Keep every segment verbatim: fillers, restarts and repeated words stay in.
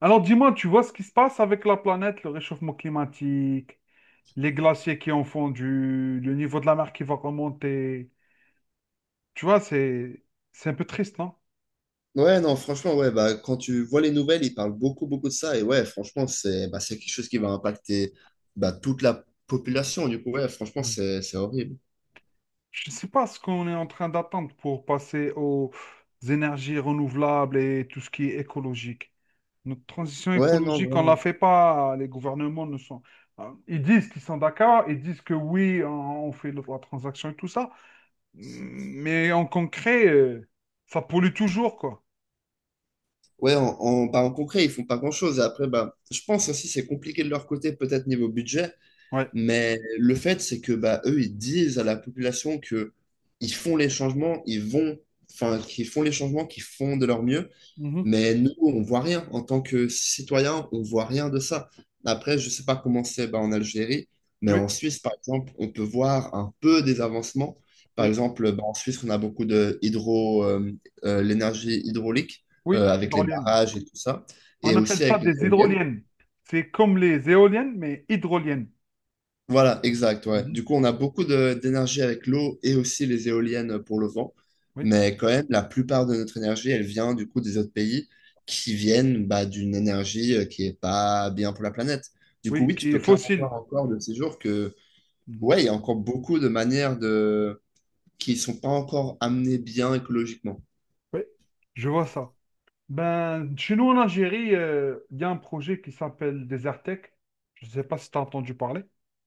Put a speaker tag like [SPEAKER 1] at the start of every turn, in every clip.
[SPEAKER 1] Alors dis-moi, tu vois ce qui se passe avec la planète, le réchauffement climatique, les glaciers qui ont fondu, le niveau de la mer qui va remonter. Tu vois, c'est c'est un peu triste, non?
[SPEAKER 2] Ouais, non, franchement, ouais, bah, quand tu vois les nouvelles, ils parlent beaucoup, beaucoup de ça. Et ouais, franchement, c'est bah, c'est quelque chose qui va impacter bah, toute la population. Du coup, ouais, franchement,
[SPEAKER 1] Mm.
[SPEAKER 2] c'est c'est horrible.
[SPEAKER 1] Je ne sais pas ce qu'on est en train d'attendre pour passer aux énergies renouvelables et tout ce qui est écologique. Notre transition
[SPEAKER 2] Ouais, non,
[SPEAKER 1] écologique, on ne la
[SPEAKER 2] vraiment.
[SPEAKER 1] fait pas. Les gouvernements ne sont... euh, Ils disent qu'ils sont d'accord, ils disent que oui, on on fait la transaction et tout ça. Mais en concret, euh, ça pollue toujours, quoi.
[SPEAKER 2] Ouais, en, en, bah, en concret, ils font pas grand-chose. Et après, bah, je pense aussi c'est compliqué de leur côté, peut-être niveau budget.
[SPEAKER 1] Ouais.
[SPEAKER 2] Mais le fait, c'est que bah, eux, ils disent à la population que ils font les changements, ils vont, enfin, qu'ils font les changements, qu'ils font de leur mieux.
[SPEAKER 1] Mhm.
[SPEAKER 2] Mais nous, on voit rien. En tant que citoyen, on voit rien de ça. Après, je sais pas comment c'est bah, en Algérie, mais
[SPEAKER 1] Oui,
[SPEAKER 2] en Suisse, par exemple, on peut voir un peu des avancements. Par
[SPEAKER 1] oui,
[SPEAKER 2] exemple, bah, en Suisse, on a beaucoup de hydro, euh, euh, l'énergie hydraulique euh,
[SPEAKER 1] oui,
[SPEAKER 2] avec les
[SPEAKER 1] hydroliennes.
[SPEAKER 2] barrages et tout ça,
[SPEAKER 1] On
[SPEAKER 2] et
[SPEAKER 1] appelle
[SPEAKER 2] aussi
[SPEAKER 1] ça
[SPEAKER 2] avec les
[SPEAKER 1] des
[SPEAKER 2] éoliennes.
[SPEAKER 1] hydroliennes. C'est comme les éoliennes, mais hydroliennes.
[SPEAKER 2] Voilà, exact, ouais.
[SPEAKER 1] Mhm.
[SPEAKER 2] Du coup, on a beaucoup de- d'énergie avec l'eau et aussi les éoliennes pour le vent.
[SPEAKER 1] Oui,
[SPEAKER 2] Mais quand même, la plupart de notre énergie, elle vient du coup des autres pays qui viennent bah, d'une énergie euh, qui est pas bien pour la planète. Du coup,
[SPEAKER 1] oui,
[SPEAKER 2] oui, tu
[SPEAKER 1] qui est
[SPEAKER 2] peux clairement
[SPEAKER 1] fossile.
[SPEAKER 2] voir encore de ces jours que,
[SPEAKER 1] Mhm.
[SPEAKER 2] ouais, il y a encore beaucoup de manières de… qui sont pas encore amenées bien écologiquement.
[SPEAKER 1] Oui, je vois ça. Ben, chez nous en Algérie, euh, il y a un projet qui s'appelle Desertec. Je ne sais pas si tu as entendu parler.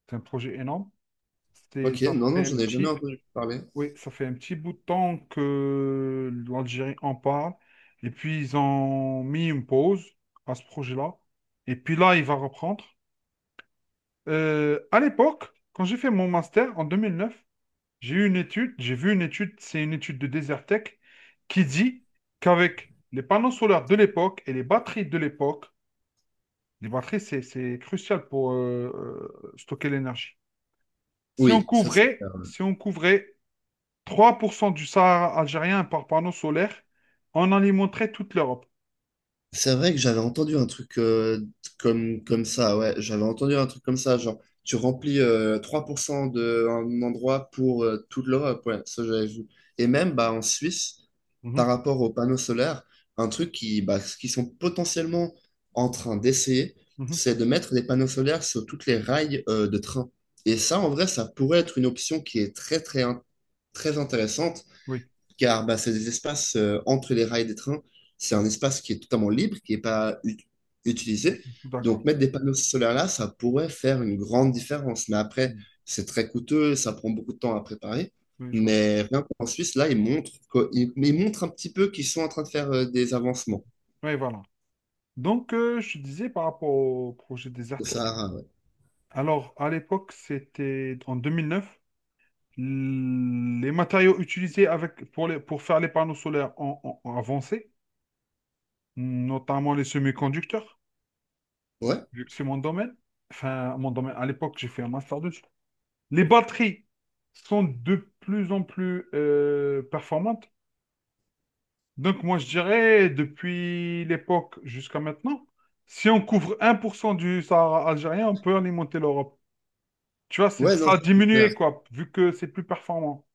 [SPEAKER 1] C'est un projet énorme. C'est,
[SPEAKER 2] Ok,
[SPEAKER 1] ça
[SPEAKER 2] non, non,
[SPEAKER 1] fait un
[SPEAKER 2] j'en ai jamais
[SPEAKER 1] petit.
[SPEAKER 2] entendu parler.
[SPEAKER 1] Oui, ça fait un petit bout de temps que l'Algérie en parle. Et puis, ils ont mis une pause à ce projet-là. Et puis là, il va reprendre. Euh, à l'époque, quand j'ai fait mon master en deux mille neuf, j'ai eu une étude, j'ai vu une étude, c'est une étude de Desertec, qui dit qu'avec les panneaux solaires de l'époque et les batteries de l'époque, les batteries, c'est, c'est crucial pour euh, euh, stocker l'énergie. Si on
[SPEAKER 2] Oui, ça c'est…
[SPEAKER 1] couvrait, si on couvrait trois pour cent du Sahara algérien par panneau solaire en alimenterait toute l'Europe.
[SPEAKER 2] C'est vrai que j'avais entendu un truc euh, comme, comme ça, ouais, j'avais entendu un truc comme ça, genre tu remplis euh, trois pour cent d'un endroit pour euh, toute l'Europe, ouais, ça j'avais vu. Et même bah, en Suisse, par
[SPEAKER 1] Mhm,
[SPEAKER 2] rapport aux panneaux solaires, un truc qui, bah, ce qu'ils sont potentiellement en train d'essayer,
[SPEAKER 1] mhm,
[SPEAKER 2] c'est de mettre des panneaux solaires sur toutes les rails euh, de train. Et ça, en vrai, ça pourrait être une option qui est très, très, in- très intéressante
[SPEAKER 1] oui,
[SPEAKER 2] car bah, c'est des espaces euh, entre les rails des trains. C'est un espace qui est totalement libre, qui n'est pas ut- utilisé. Donc,
[SPEAKER 1] d'accord.
[SPEAKER 2] mettre des panneaux solaires là, ça pourrait faire une grande différence. Mais après,
[SPEAKER 1] Mm.
[SPEAKER 2] c'est très coûteux, ça prend beaucoup de temps à préparer.
[SPEAKER 1] Oui, je vois.
[SPEAKER 2] Mais rien qu'en Suisse, là, ils montrent, que- ils, ils montrent un petit peu qu'ils sont en train de faire euh, des avancements
[SPEAKER 1] Oui, voilà. Donc, euh, je disais par rapport au projet
[SPEAKER 2] au
[SPEAKER 1] Desertec.
[SPEAKER 2] Sahara. Ouais,
[SPEAKER 1] Alors, à l'époque, c'était en deux mille neuf. l- Les matériaux utilisés avec, pour, les- pour faire les panneaux solaires ont, ont- ont avancé, notamment les semi-conducteurs,
[SPEAKER 2] ouais,
[SPEAKER 1] vu que c'est mon domaine. Enfin, mon domaine, à l'époque, j'ai fait un master deux. Les batteries sont de plus en plus euh, performantes. Donc moi, je dirais, depuis l'époque jusqu'à maintenant, si on couvre un pour cent du Sahara algérien, on peut alimenter l'Europe. Tu vois,
[SPEAKER 2] ouais
[SPEAKER 1] c'est, ça
[SPEAKER 2] non,
[SPEAKER 1] a
[SPEAKER 2] ça, c'est clair.
[SPEAKER 1] diminué, quoi, vu que c'est plus performant.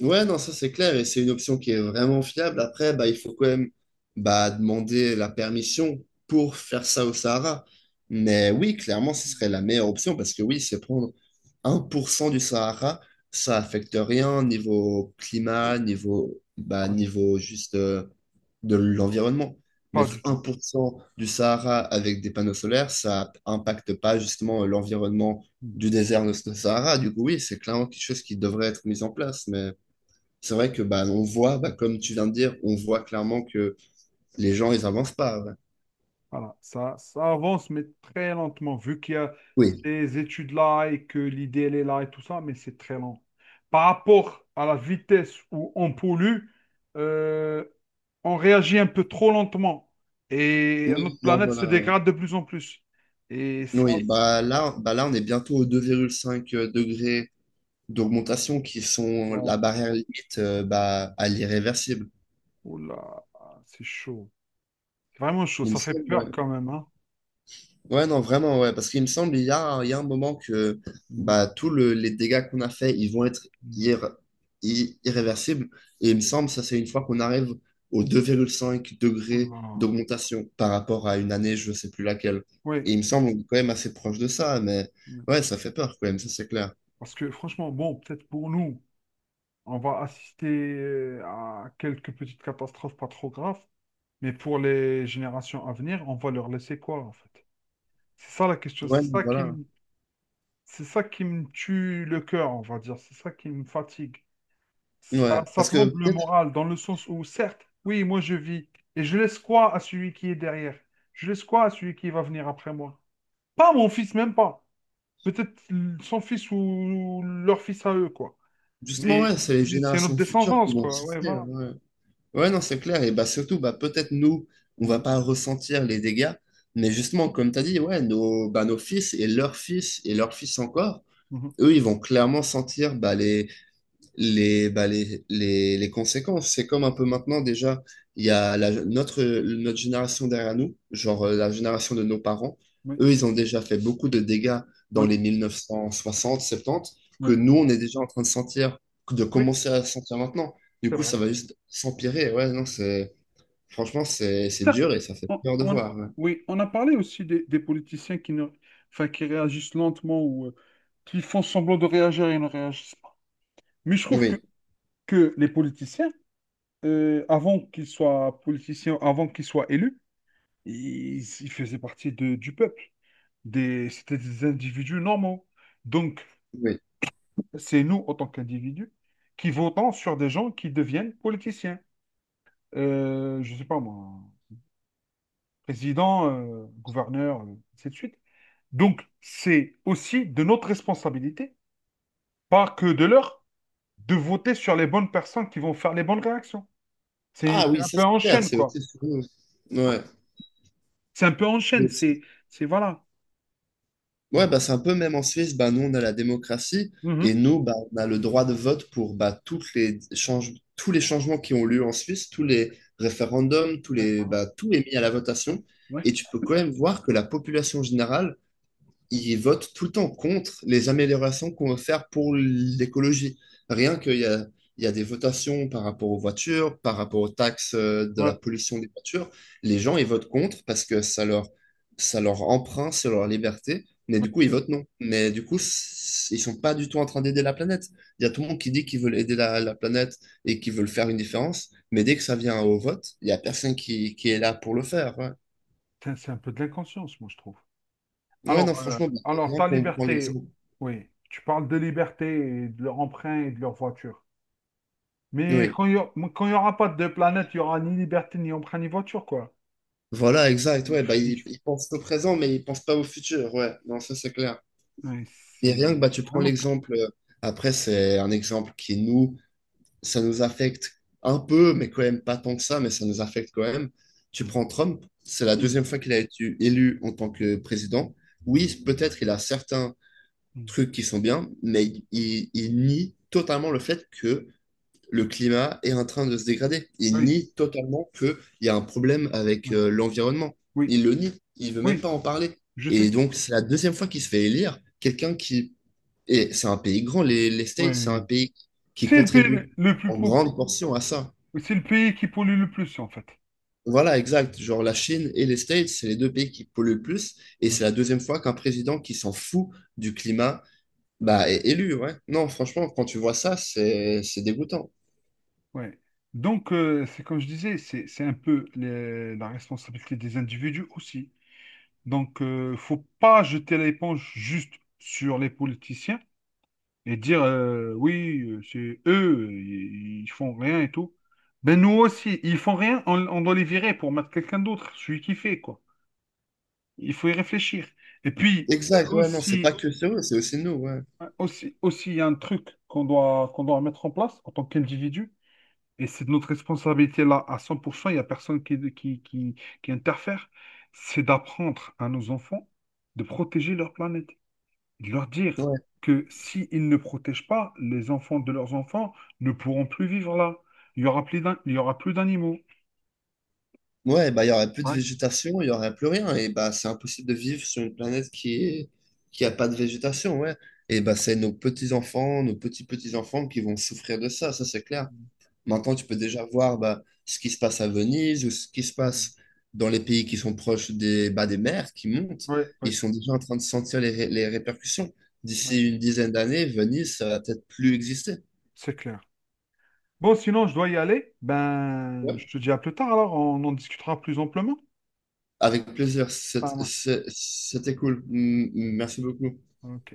[SPEAKER 2] Ouais, non, ça c'est clair et c'est une option qui est vraiment fiable. Après, bah, il faut quand même bah, demander la permission pour faire ça au Sahara. Mais oui, clairement, ce serait la meilleure option parce que oui, c'est prendre un pour cent du Sahara, ça affecte rien niveau climat, niveau, bah,
[SPEAKER 1] Pas du,
[SPEAKER 2] niveau juste euh, de l'environnement.
[SPEAKER 1] pas
[SPEAKER 2] Mettre
[SPEAKER 1] du
[SPEAKER 2] un
[SPEAKER 1] tout.
[SPEAKER 2] pour cent du Sahara avec des panneaux solaires, ça impacte pas justement l'environnement
[SPEAKER 1] Mm.
[SPEAKER 2] du désert de ce Sahara. Du coup, oui, c'est clairement quelque chose qui devrait être mis en place. Mais c'est vrai que bah, on voit, bah, comme tu viens de dire, on voit clairement que les gens, ils avancent pas. Ouais.
[SPEAKER 1] Voilà, ça, ça avance, mais très lentement, vu qu'il y a
[SPEAKER 2] Oui.
[SPEAKER 1] ces études-là et que l'idée, elle est là et tout ça, mais c'est très lent. Par rapport à la vitesse où on pollue, euh, on réagit un peu trop lentement et notre
[SPEAKER 2] Oui, non,
[SPEAKER 1] planète se
[SPEAKER 2] voilà. Ouais.
[SPEAKER 1] dégrade de plus en plus. Et ça,
[SPEAKER 2] Oui,
[SPEAKER 1] c'est-.
[SPEAKER 2] bah là, bah là, on est bientôt aux deux virgule cinq degrés d'augmentation qui sont
[SPEAKER 1] Waouh,
[SPEAKER 2] la barrière limite euh, bah, à l'irréversible.
[SPEAKER 1] oh là c'est chaud. C'est vraiment chaud,
[SPEAKER 2] Il me
[SPEAKER 1] ça fait
[SPEAKER 2] semble, ouais.
[SPEAKER 1] peur quand même, hein.
[SPEAKER 2] Ouais, non, vraiment, ouais. Parce qu'il me semble, il y a, il y a un moment que
[SPEAKER 1] Mhm,
[SPEAKER 2] bah, tous le- les dégâts qu'on a faits, ils vont être
[SPEAKER 1] mhm.
[SPEAKER 2] irr- i- irréversibles. Et il me semble, ça, c'est une fois qu'on arrive aux deux virgule cinq degrés
[SPEAKER 1] Oula.
[SPEAKER 2] d'augmentation par rapport à une année, je ne sais plus laquelle.
[SPEAKER 1] Oui,
[SPEAKER 2] Et il me
[SPEAKER 1] oui.
[SPEAKER 2] semble, on est quand même assez proche de ça. Mais
[SPEAKER 1] Oui.
[SPEAKER 2] ouais, ça fait peur quand même, ça, c'est clair.
[SPEAKER 1] Parce que franchement, bon, peut-être pour nous. On va assister euh, à quelques petites catastrophes pas trop graves, mais pour les générations à venir, on va leur laisser quoi en fait? C'est ça la question,
[SPEAKER 2] Ouais,
[SPEAKER 1] c'est ça qui
[SPEAKER 2] voilà.
[SPEAKER 1] me, c'est ça qui me tue le cœur, on va dire, c'est ça qui me fatigue.
[SPEAKER 2] Ouais.
[SPEAKER 1] Ça, ça
[SPEAKER 2] Parce que
[SPEAKER 1] plombe le
[SPEAKER 2] peut-être,
[SPEAKER 1] moral dans le sens où, certes, oui, moi je vis, et je laisse quoi à celui qui est derrière? Je laisse quoi à celui qui va venir après moi? Pas mon fils, même pas. Peut-être son fils ou leur fils à eux, quoi.
[SPEAKER 2] justement,
[SPEAKER 1] Mais,
[SPEAKER 2] ouais, c'est les
[SPEAKER 1] mais c'est notre
[SPEAKER 2] générations futures qui
[SPEAKER 1] descendance,
[SPEAKER 2] vont
[SPEAKER 1] quoi. Ouais, voilà.
[SPEAKER 2] souffrir. Ouais. Ouais, non, c'est clair. Et bah, surtout, bah, peut-être nous, on va
[SPEAKER 1] Mhm.
[SPEAKER 2] pas ressentir les dégâts, mais justement, comme tu as dit, ouais, nos, bah, nos fils et leurs fils et leurs fils encore,
[SPEAKER 1] Mhm.
[SPEAKER 2] eux, ils vont clairement sentir bah, les, les, bah, les, les, les conséquences. C'est comme un peu maintenant déjà, il y a la- notre, notre génération derrière nous, genre euh, la génération de nos parents,
[SPEAKER 1] Oui,
[SPEAKER 2] eux, ils ont déjà fait beaucoup de dégâts dans
[SPEAKER 1] oui,
[SPEAKER 2] les mille neuf cent soixante, soixante-dix, que
[SPEAKER 1] oui,
[SPEAKER 2] nous, on est déjà en train de sentir, de
[SPEAKER 1] oui,
[SPEAKER 2] commencer à sentir maintenant. Du
[SPEAKER 1] c'est
[SPEAKER 2] coup,
[SPEAKER 1] vrai.
[SPEAKER 2] ça va juste s'empirer. Ouais, non, c'est, franchement, c'est, c'est
[SPEAKER 1] Certes,
[SPEAKER 2] dur et ça fait
[SPEAKER 1] on,
[SPEAKER 2] peur de
[SPEAKER 1] on-
[SPEAKER 2] voir. Ouais.
[SPEAKER 1] oui, on a parlé aussi des, des politiciens qui ne, enfin, qui réagissent lentement ou euh, qui font semblant de réagir et ne réagissent pas. Mais je trouve que,
[SPEAKER 2] Oui,
[SPEAKER 1] que les politiciens, euh, avant qu'ils soient politiciens, avant qu'ils soient élus, ils, ils faisaient partie de- du peuple. Des, c'était des individus normaux. Donc,
[SPEAKER 2] oui.
[SPEAKER 1] c'est nous, en tant qu'individus, qui votons sur des gens qui deviennent politiciens. Euh, je sais pas moi. Président, euh, gouverneur, euh, ainsi de suite. Donc, c'est aussi de notre responsabilité, pas que de leur, de voter sur les bonnes personnes qui vont faire les bonnes réactions. C'est
[SPEAKER 2] Ah
[SPEAKER 1] c'est
[SPEAKER 2] oui,
[SPEAKER 1] un
[SPEAKER 2] ça
[SPEAKER 1] peu en
[SPEAKER 2] c'est clair,
[SPEAKER 1] chaîne,
[SPEAKER 2] c'est
[SPEAKER 1] quoi.
[SPEAKER 2] aussi sur nous. Ouais.
[SPEAKER 1] C'est un peu en chaîne, c'est c'est- voilà.
[SPEAKER 2] Ouais, bah, c'est un peu même en Suisse, bah, nous on a la démocratie et
[SPEAKER 1] Mhm.
[SPEAKER 2] nous bah, on a le droit de vote pour bah, toutes les change- tous les changements qui ont lieu en Suisse, tous les référendums, tous
[SPEAKER 1] Ouais,
[SPEAKER 2] les,
[SPEAKER 1] voilà.
[SPEAKER 2] bah, tout est mis à la
[SPEAKER 1] Ouais,
[SPEAKER 2] votation.
[SPEAKER 1] ouais,
[SPEAKER 2] Et tu peux quand même voir que la population générale ils votent tout le temps contre les améliorations qu'on veut faire pour l'écologie. Rien qu'il y a, il y a des votations par rapport aux voitures, par rapport aux taxes euh, de la
[SPEAKER 1] ouais,
[SPEAKER 2] pollution des voitures, les gens, ils votent contre parce que ça leur, ça leur empreinte sur leur liberté, mais du
[SPEAKER 1] ouais.
[SPEAKER 2] coup, ils votent non. Mais du coup, c- ils sont pas du tout en train d'aider la planète. Il y a tout le monde qui dit qu'ils veulent aider la, la planète et qu'ils veulent faire une différence, mais dès que ça vient au vote, il y a personne qui, qui est là pour le faire. Ouais,
[SPEAKER 1] Putain, c'est un peu de l'inconscience, moi, je trouve.
[SPEAKER 2] Ouais, non,
[SPEAKER 1] Alors, euh,
[SPEAKER 2] franchement, bah,
[SPEAKER 1] alors,
[SPEAKER 2] bien
[SPEAKER 1] ta
[SPEAKER 2] qu'on prend
[SPEAKER 1] liberté,
[SPEAKER 2] l'exemple.
[SPEAKER 1] oui, tu parles de liberté et de leur emprunt et de leur voiture. Mais
[SPEAKER 2] Oui.
[SPEAKER 1] quand il n'y aura pas de planète, il n'y aura ni liberté, ni emprunt, ni voiture, quoi.
[SPEAKER 2] Voilà, exact,
[SPEAKER 1] Il
[SPEAKER 2] ouais, bah,
[SPEAKER 1] fait-
[SPEAKER 2] ils,
[SPEAKER 1] du-
[SPEAKER 2] ils pensent au présent, mais ils pensent pas au futur, ouais, non, ça c'est clair.
[SPEAKER 1] ouais,
[SPEAKER 2] Et
[SPEAKER 1] c'est
[SPEAKER 2] rien que, bah,
[SPEAKER 1] c'est
[SPEAKER 2] tu prends
[SPEAKER 1] vraiment. Très-.
[SPEAKER 2] l'exemple, euh, après, c'est un exemple qui nous, ça nous affecte un peu, mais quand même pas tant que ça, mais ça nous affecte quand même. Tu
[SPEAKER 1] Mm,
[SPEAKER 2] prends Trump, c'est la
[SPEAKER 1] mm,
[SPEAKER 2] deuxième fois qu'il a été élu en tant que
[SPEAKER 1] mm,
[SPEAKER 2] président. Oui, peut-être il a certains trucs qui sont bien,
[SPEAKER 1] mm.
[SPEAKER 2] mais il, il nie totalement le fait que le climat est en train de se dégrader. Il
[SPEAKER 1] Oui,
[SPEAKER 2] nie totalement qu'il y a un problème avec
[SPEAKER 1] oui,
[SPEAKER 2] euh, l'environnement.
[SPEAKER 1] oui,
[SPEAKER 2] Il le nie. Il veut même pas
[SPEAKER 1] oui,
[SPEAKER 2] en parler.
[SPEAKER 1] je
[SPEAKER 2] Et
[SPEAKER 1] sais.
[SPEAKER 2] donc, c'est la deuxième fois qu'il se fait élire quelqu'un qui… Et c'est un pays grand, les, les States, c'est un
[SPEAKER 1] Ouais.
[SPEAKER 2] pays qui
[SPEAKER 1] C'est le pays le
[SPEAKER 2] contribue
[SPEAKER 1] le plus
[SPEAKER 2] en
[SPEAKER 1] pauvre.
[SPEAKER 2] grande portion à ça.
[SPEAKER 1] C'est le pays qui pollue le plus, en fait.
[SPEAKER 2] Voilà, exact. Genre, la Chine et les States, c'est les deux pays qui polluent le plus. Et
[SPEAKER 1] Mm,
[SPEAKER 2] c'est la deuxième fois qu'un président qui s'en fout du climat,
[SPEAKER 1] mm.
[SPEAKER 2] bah, est élu, ouais. Non, franchement, quand tu vois ça, c'est c'est dégoûtant.
[SPEAKER 1] Ouais. Donc, euh, c'est comme je disais, c'est c'est un peu les- la responsabilité des individus aussi. Donc, euh, faut pas jeter l'éponge juste sur les politiciens. Et dire euh, oui, euh, c'est eux, ils, ils font rien et tout. Ben nous aussi, ils font rien, on, on doit les virer pour mettre quelqu'un d'autre, celui qui fait, quoi. Il faut y réfléchir. Et puis euh,
[SPEAKER 2] Exact, ouais, non, c'est pas
[SPEAKER 1] aussi,
[SPEAKER 2] que eux, c'est aussi nous, ouais.
[SPEAKER 1] euh, aussi, aussi, il y a un truc qu'on doit, qu'on doit mettre en place en tant qu'individu, et c'est de notre responsabilité là à cent pour cent, il n'y a personne qui, qui, qui, qui interfère, c'est d'apprendre à nos enfants de protéger leur planète. De leur dire
[SPEAKER 2] Ouais,
[SPEAKER 1] que s'ils ne protègent pas, les enfants de leurs enfants ne pourront plus vivre là. Il y aura plus d'an- il y aura plus d'animaux.
[SPEAKER 2] ouais, bah, il y aurait plus de
[SPEAKER 1] Ouais,
[SPEAKER 2] végétation, il y aurait plus rien. Et bah, c'est impossible de vivre sur une planète qui est, qui a pas de végétation, ouais. Et bah, c'est nos petits-enfants, nos petits-petits-enfants qui vont souffrir de ça, ça c'est clair. Maintenant, tu peux déjà voir bah, ce qui se passe à Venise ou ce qui se
[SPEAKER 1] ouais,
[SPEAKER 2] passe dans les pays qui sont proches des, bah, des mers qui montent.
[SPEAKER 1] ouais,
[SPEAKER 2] Ils
[SPEAKER 1] ouais,
[SPEAKER 2] sont déjà en train de sentir les, ré- les répercussions.
[SPEAKER 1] ouais,
[SPEAKER 2] D'ici une dizaine d'années, Venise, ça va peut-être plus exister.
[SPEAKER 1] c'est clair. Bon, sinon, je dois y aller. Ben,
[SPEAKER 2] Ouais.
[SPEAKER 1] je te dis à plus tard, alors on en discutera plus amplement.
[SPEAKER 2] Avec plaisir,
[SPEAKER 1] Ah,
[SPEAKER 2] c'est-
[SPEAKER 1] ouais.
[SPEAKER 2] c'est- c'était cool. M- Merci beaucoup.
[SPEAKER 1] Ok.